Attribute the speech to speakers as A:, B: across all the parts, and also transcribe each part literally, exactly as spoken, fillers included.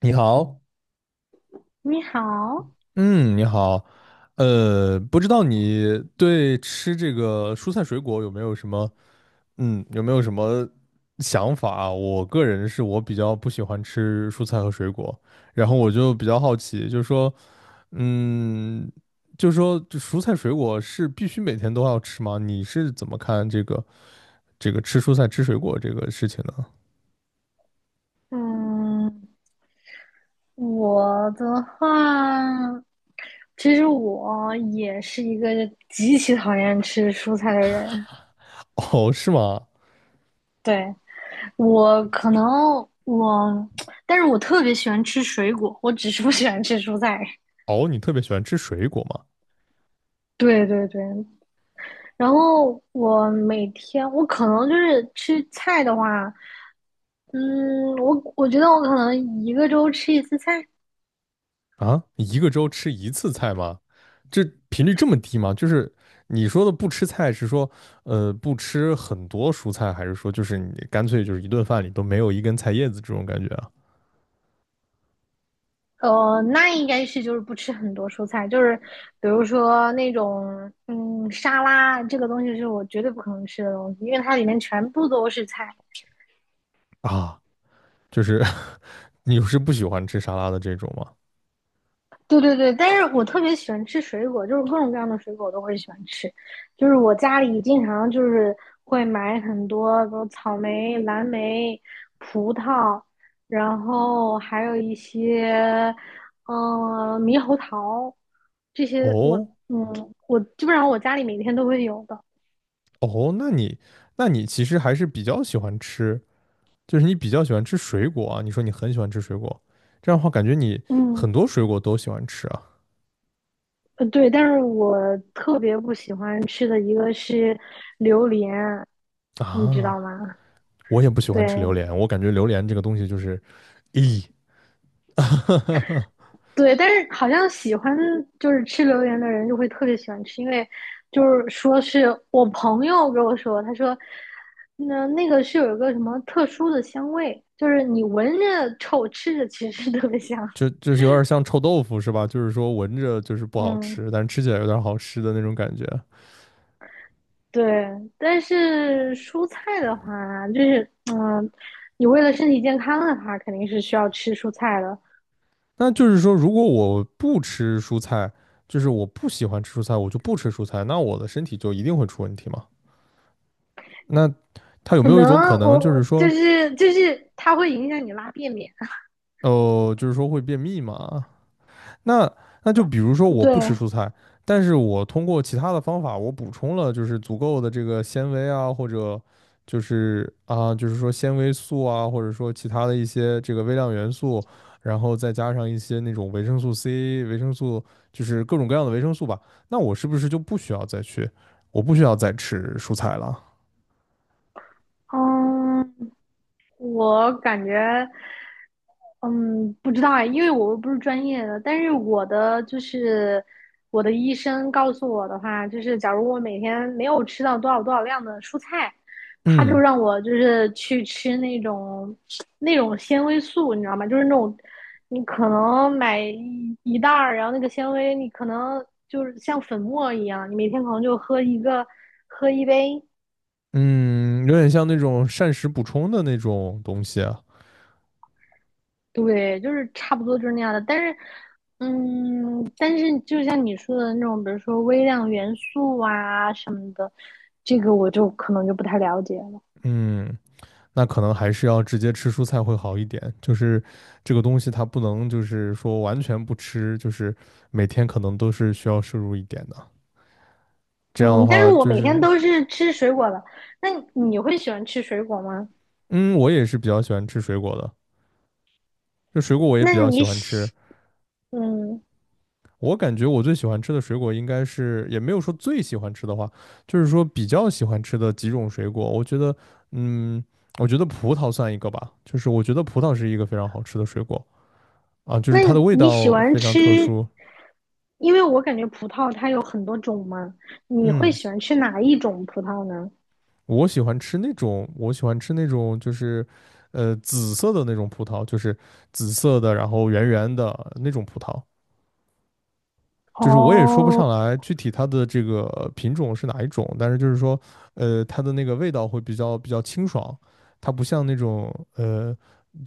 A: 你好。
B: 你好。
A: 嗯，你好。呃，不知道你对吃这个蔬菜水果有没有什么，嗯，有没有什么想法啊？我个人是我比较不喜欢吃蔬菜和水果，然后我就比较好奇，就是说，嗯，就是说这蔬菜水果是必须每天都要吃吗？你是怎么看这个这个吃蔬菜吃水果这个事情呢？
B: 嗯，我的话，其实我也是一个极其讨厌吃蔬菜的人。
A: 哦，是吗？
B: 对，我可能我，但是我特别喜欢吃水果，我只是不喜欢吃蔬菜。
A: 哦，你特别喜欢吃水果吗？
B: 对对对，然后我每天我可能就是吃菜的话，嗯，我我觉得我可能一个周吃一次菜。
A: 啊，一个周吃一次菜吗？这频率这么低吗？就是你说的不吃菜是说，呃，不吃很多蔬菜，还是说就是你干脆就是一顿饭里都没有一根菜叶子这种感觉啊？
B: 呃，那应该是就是不吃很多蔬菜，就是比如说那种嗯沙拉这个东西是我绝对不可能吃的东西，因为它里面全部都是菜。
A: 啊，就是 你是不喜欢吃沙拉的这种吗？
B: 对对对，但是我特别喜欢吃水果，就是各种各样的水果我都会喜欢吃。就是我家里经常就是会买很多，比如草莓、蓝莓、葡萄，然后还有一些，嗯、猕猴桃，这些我，
A: 哦。
B: 嗯，我基本上我家里每天都会有的。
A: 哦，那你那你其实还是比较喜欢吃，就是你比较喜欢吃水果啊？你说你很喜欢吃水果，这样的话感觉你
B: 嗯，
A: 很多水果都喜欢吃啊。
B: 呃对，但是我特别不喜欢吃的一个是榴莲，你知道
A: 啊，
B: 吗？
A: 我也不喜
B: 对。
A: 欢吃榴莲，我感觉榴莲这个东西就是咦，
B: 对，但是好像喜欢就是吃榴莲的人就会特别喜欢吃，因为就是说是我朋友给我说，他说那那个是有一个什么特殊的香味，就是你闻着臭，吃着其实 特别香。
A: 就就是有点像臭豆腐是吧？就是说闻着就是不好
B: 嗯，
A: 吃，但是吃起来有点好吃的那种感觉。
B: 对。但是蔬菜的话，就是嗯，你为了身体健康的话，肯定是需要吃蔬菜的。
A: 那就是说，如果我不吃蔬菜，就是我不喜欢吃蔬菜，我就不吃蔬菜，那我的身体就一定会出问题吗？那它有
B: 可
A: 没有一
B: 能
A: 种可能，
B: 我
A: 就
B: 我
A: 是
B: 就
A: 说，
B: 是就是它会影响你拉便便。
A: 哦呃，就是说会便秘嘛？那那就比如说我不吃
B: 对。
A: 蔬菜，但是我通过其他的方法，我补充了就是足够的这个纤维啊，或者就是啊，就是说纤维素啊，或者说其他的一些这个微量元素，然后再加上一些那种维生素 C、维生素，就是各种各样的维生素吧。那我是不是就不需要再去，我不需要再吃蔬菜了？
B: 嗯，我感觉。嗯，不知道哎，因为我不是专业的，但是我的就是我的医生告诉我的话，就是假如我每天没有吃到多少多少量的蔬菜，他就
A: 嗯
B: 让我就是去吃那种那种纤维素，你知道吗？就是那种你可能买一一袋儿，然后那个纤维你可能就是像粉末一样，你每天可能就喝一个喝一杯。
A: 嗯，有点像那种膳食补充的那种东西啊。
B: 对，就是差不多就是那样的。但是，嗯，但是就像你说的那种，比如说微量元素啊什么的，这个我就可能就不太了解了。
A: 嗯。那可能还是要直接吃蔬菜会好一点。就是这个东西它不能就是说完全不吃，就是每天可能都是需要摄入一点的。这样的
B: 嗯，但是
A: 话，
B: 我
A: 就
B: 每天
A: 是
B: 都是吃水果的。那你会喜欢吃水果吗？
A: 嗯，我也是比较喜欢吃水果的，就水果我也
B: 那
A: 比较喜
B: 你
A: 欢吃。
B: 喜，嗯，
A: 我感觉我最喜欢吃的水果应该是，也没有说最喜欢吃的话，就是说比较喜欢吃的几种水果。我觉得，嗯，我觉得葡萄算一个吧，就是我觉得葡萄是一个非常好吃的水果啊，就是
B: 那
A: 它的味
B: 你喜
A: 道
B: 欢
A: 非常特
B: 吃？
A: 殊。
B: 因为我感觉葡萄它有很多种嘛，你会
A: 嗯。
B: 喜欢吃哪一种葡萄呢？
A: 我喜欢吃那种，我喜欢吃那种，就是，呃，紫色的那种葡萄，就是紫色的，然后圆圆的那种葡萄。就是我也说不
B: 哦。
A: 上来具体它的这个品种是哪一种，但是就是说，呃，它的那个味道会比较比较清爽，它不像那种呃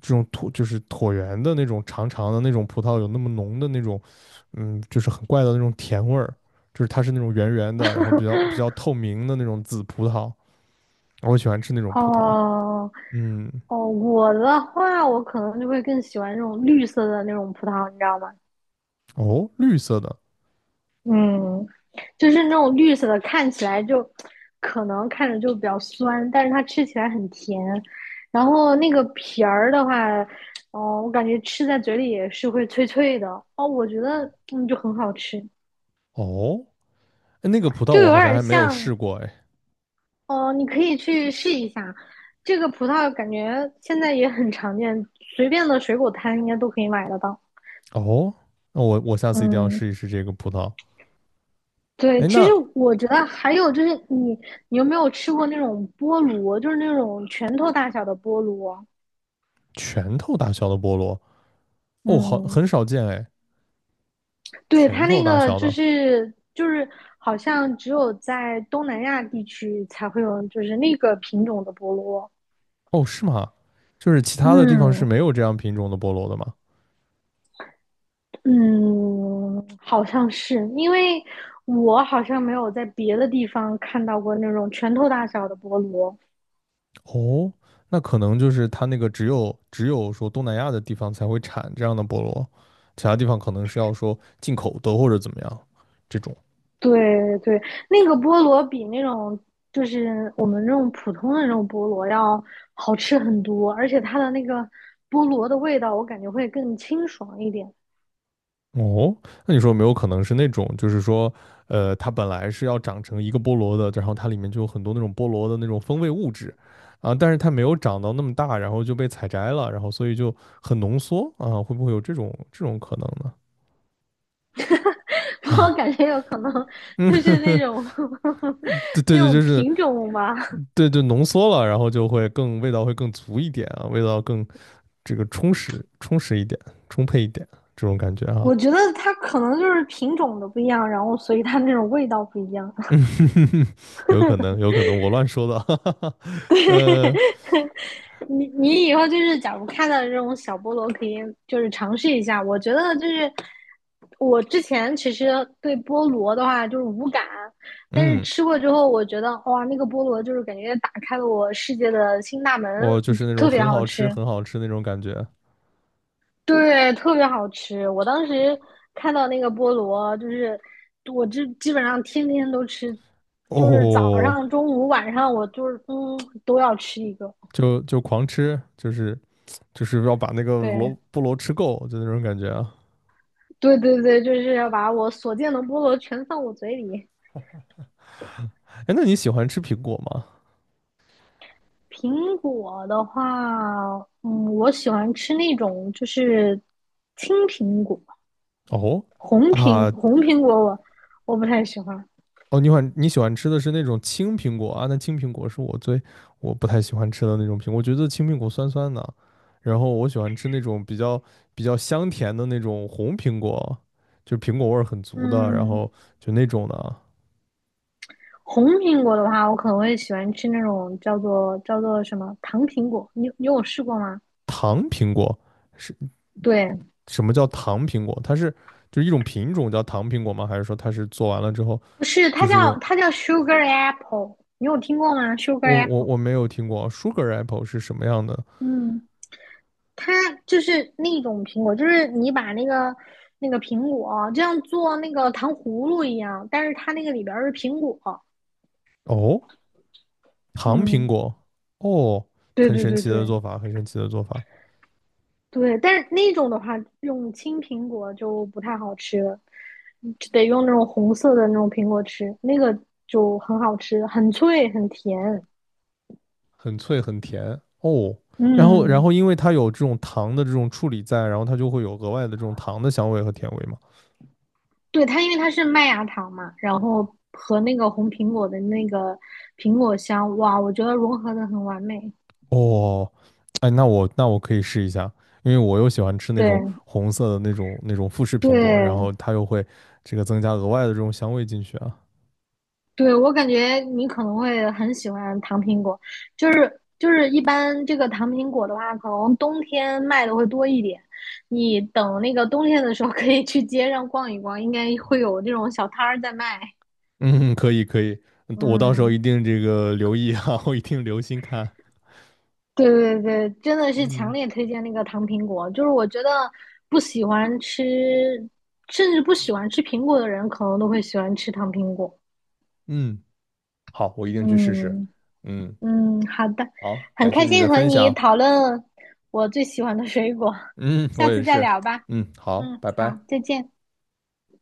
A: 这种椭就是椭圆的那种长长的那种葡萄有那么浓的那种，嗯，就是很怪的那种甜味儿，就是它是那种圆圆的，然后比较比 较透明的那种紫葡萄，我喜欢吃那种葡萄。
B: 哦。
A: 嗯。
B: 哦，我的话，我可能就会更喜欢那种绿色的那种葡萄，你知道吗？
A: 哦，绿色的。
B: 嗯，就是那种绿色的，看起来就可能看着就比较酸，但是它吃起来很甜。然后那个皮儿的话，哦，我感觉吃在嘴里也是会脆脆的。哦，我觉得嗯就很好吃，
A: 哦，哎那个葡萄
B: 就
A: 我
B: 有
A: 好像
B: 点
A: 还没有
B: 像
A: 试过，哎，
B: 哦，你可以去试一下。这个葡萄感觉现在也很常见，随便的水果摊应该都可以买得到。
A: 哦，那我我下次一定要试
B: 嗯，
A: 一试这个葡萄。
B: 对，
A: 哎，
B: 其实
A: 那
B: 我觉得还有就是你，你有没有吃过那种菠萝，就是那种拳头大小的菠萝？
A: 拳头大小的菠萝？哦，好，
B: 嗯，
A: 很少见，哎，
B: 对，
A: 拳
B: 它
A: 头
B: 那
A: 大
B: 个
A: 小
B: 就
A: 的。
B: 是就是好像只有在东南亚地区才会有，就是那个品种的菠萝。
A: 哦，是吗？就是其他的地方是
B: 嗯，
A: 没有这样品种的菠萝的吗？
B: 嗯，好像是，因为我好像没有在别的地方看到过那种拳头大小的菠萝。
A: 哦，那可能就是它那个只有只有说东南亚的地方才会产这样的菠萝，其他地方可能是要说进口的或者怎么样这种。
B: 对对，那个菠萝比那种就是我们这种普通的那种菠萝要好吃很多，而且它的那个菠萝的味道，我感觉会更清爽一点。
A: 哦，那你说有没有可能是那种，就是说，呃，它本来是要长成一个菠萝的，然后它里面就有很多那种菠萝的那种风味物质，啊，但是它没有长到那么大，然后就被采摘了，然后所以就很浓缩啊，会不会有这种这种可能呢？
B: 我
A: 啊。
B: 感觉有可能
A: 嗯。
B: 就是那种
A: 对 对
B: 那
A: 对，
B: 种
A: 就是
B: 品种吧。
A: 对对，浓缩了，然后就会更味道会更足一点啊，味道更这个充实充实一点，充沛一点这种感觉啊。
B: 我觉得它可能就是品种的不一样，然后所以它那种味道不一样。
A: 嗯。有可能有可能，我乱说的。哈哈哈。呃。
B: 你你以后就是，假如看到这种小菠萝，可以就是尝试一下。我觉得就是我之前其实对菠萝的话就是无感，但是
A: 嗯，
B: 吃过之后，我觉得哇，那个菠萝就是感觉打开了我世界的新大门，
A: 我就是那种
B: 特别
A: 很
B: 好
A: 好吃、
B: 吃。
A: 很好吃那种感觉。
B: 对，特别好吃。我当时看到那个菠萝，就是我这基本上天天都吃，就是早
A: 哦，
B: 上、中午、晚上，我就是嗯都要吃一个。
A: 就就狂吃，就是就是要把那个萝
B: 对，
A: 菠萝吃够，就那种感觉啊。
B: 对对对，就是要把我所见的菠萝全放我嘴里。
A: 哎，那你喜欢吃苹果吗？
B: 苹果的话，嗯，我喜欢吃那种就是青苹果，
A: 哦。
B: 红苹
A: 啊。
B: 红苹果我我不太喜欢。
A: 哦，你喜欢你喜欢吃的是那种青苹果啊？那青苹果是我最我不太喜欢吃的那种苹果，我觉得青苹果酸酸的。然后我喜欢吃那种比较比较香甜的那种红苹果，就苹果味儿很足的，然
B: 嗯，
A: 后就那种的啊。
B: 红苹果的话，我可能会喜欢吃那种叫做叫做什么糖苹果。你你有试过吗？
A: 糖苹果。是
B: 对，
A: 什么叫糖苹果？它是就是一种品种叫糖苹果吗？还是说它是做完了之后
B: 不是，它
A: 就是
B: 叫
A: 用
B: 它叫 sugar apple,你有听过吗？sugar
A: 我我
B: apple。
A: 我没有听过 sugar apple 是什么样的。
B: 嗯，它就是那种苹果，就是你把那个那个苹果就像做那个糖葫芦一样，但是它那个里边儿是苹果。
A: 哦，糖苹
B: 嗯，
A: 果。哦，
B: 对
A: 很
B: 对
A: 神
B: 对
A: 奇的
B: 对
A: 做法，很神奇的做法。
B: 对，但是那种的话，用青苹果就不太好吃了，就得用那种红色的那种苹果吃，那个就很好吃，很脆很甜。
A: 很脆很甜。哦。然后然
B: 嗯，
A: 后因为它有这种糖的这种处理在，然后它就会有额外的这种糖的香味和甜味嘛。
B: 对，它因为它是麦芽糖嘛，然后和那个红苹果的那个苹果香，哇，我觉得融合的很完美。
A: 哦，哎，那我那我可以试一下，因为我又喜欢吃那种
B: 对
A: 红色的那种那种富士苹果，然
B: 对，
A: 后它又会这个增加额外的这种香味进去啊。
B: 对，我感觉你可能会很喜欢糖苹果，就是就是一般这个糖苹果的话，可能冬天卖的会多一点。你等那个冬天的时候，可以去街上逛一逛，应该会有这种小摊儿在卖。
A: 嗯，可以可以。嗯我到时候一
B: 嗯，
A: 定这个留意啊，我一定留心看。
B: 对对对，真的是强
A: 嗯
B: 烈推荐那个糖苹果。就是我觉得不喜欢吃，甚至不喜欢吃苹果的人，可能都会喜欢吃糖苹果。
A: 嗯，好，我一定去试试。
B: 嗯。
A: 嗯，
B: 嗯，好的，
A: 好，
B: 很
A: 感谢
B: 开
A: 你的
B: 心和
A: 分
B: 你
A: 享。
B: 讨论我最喜欢的水果，
A: 嗯，
B: 下
A: 我
B: 次
A: 也
B: 再
A: 是。
B: 聊吧。
A: 嗯，好，
B: 嗯，
A: 拜
B: 好，
A: 拜。
B: 再见。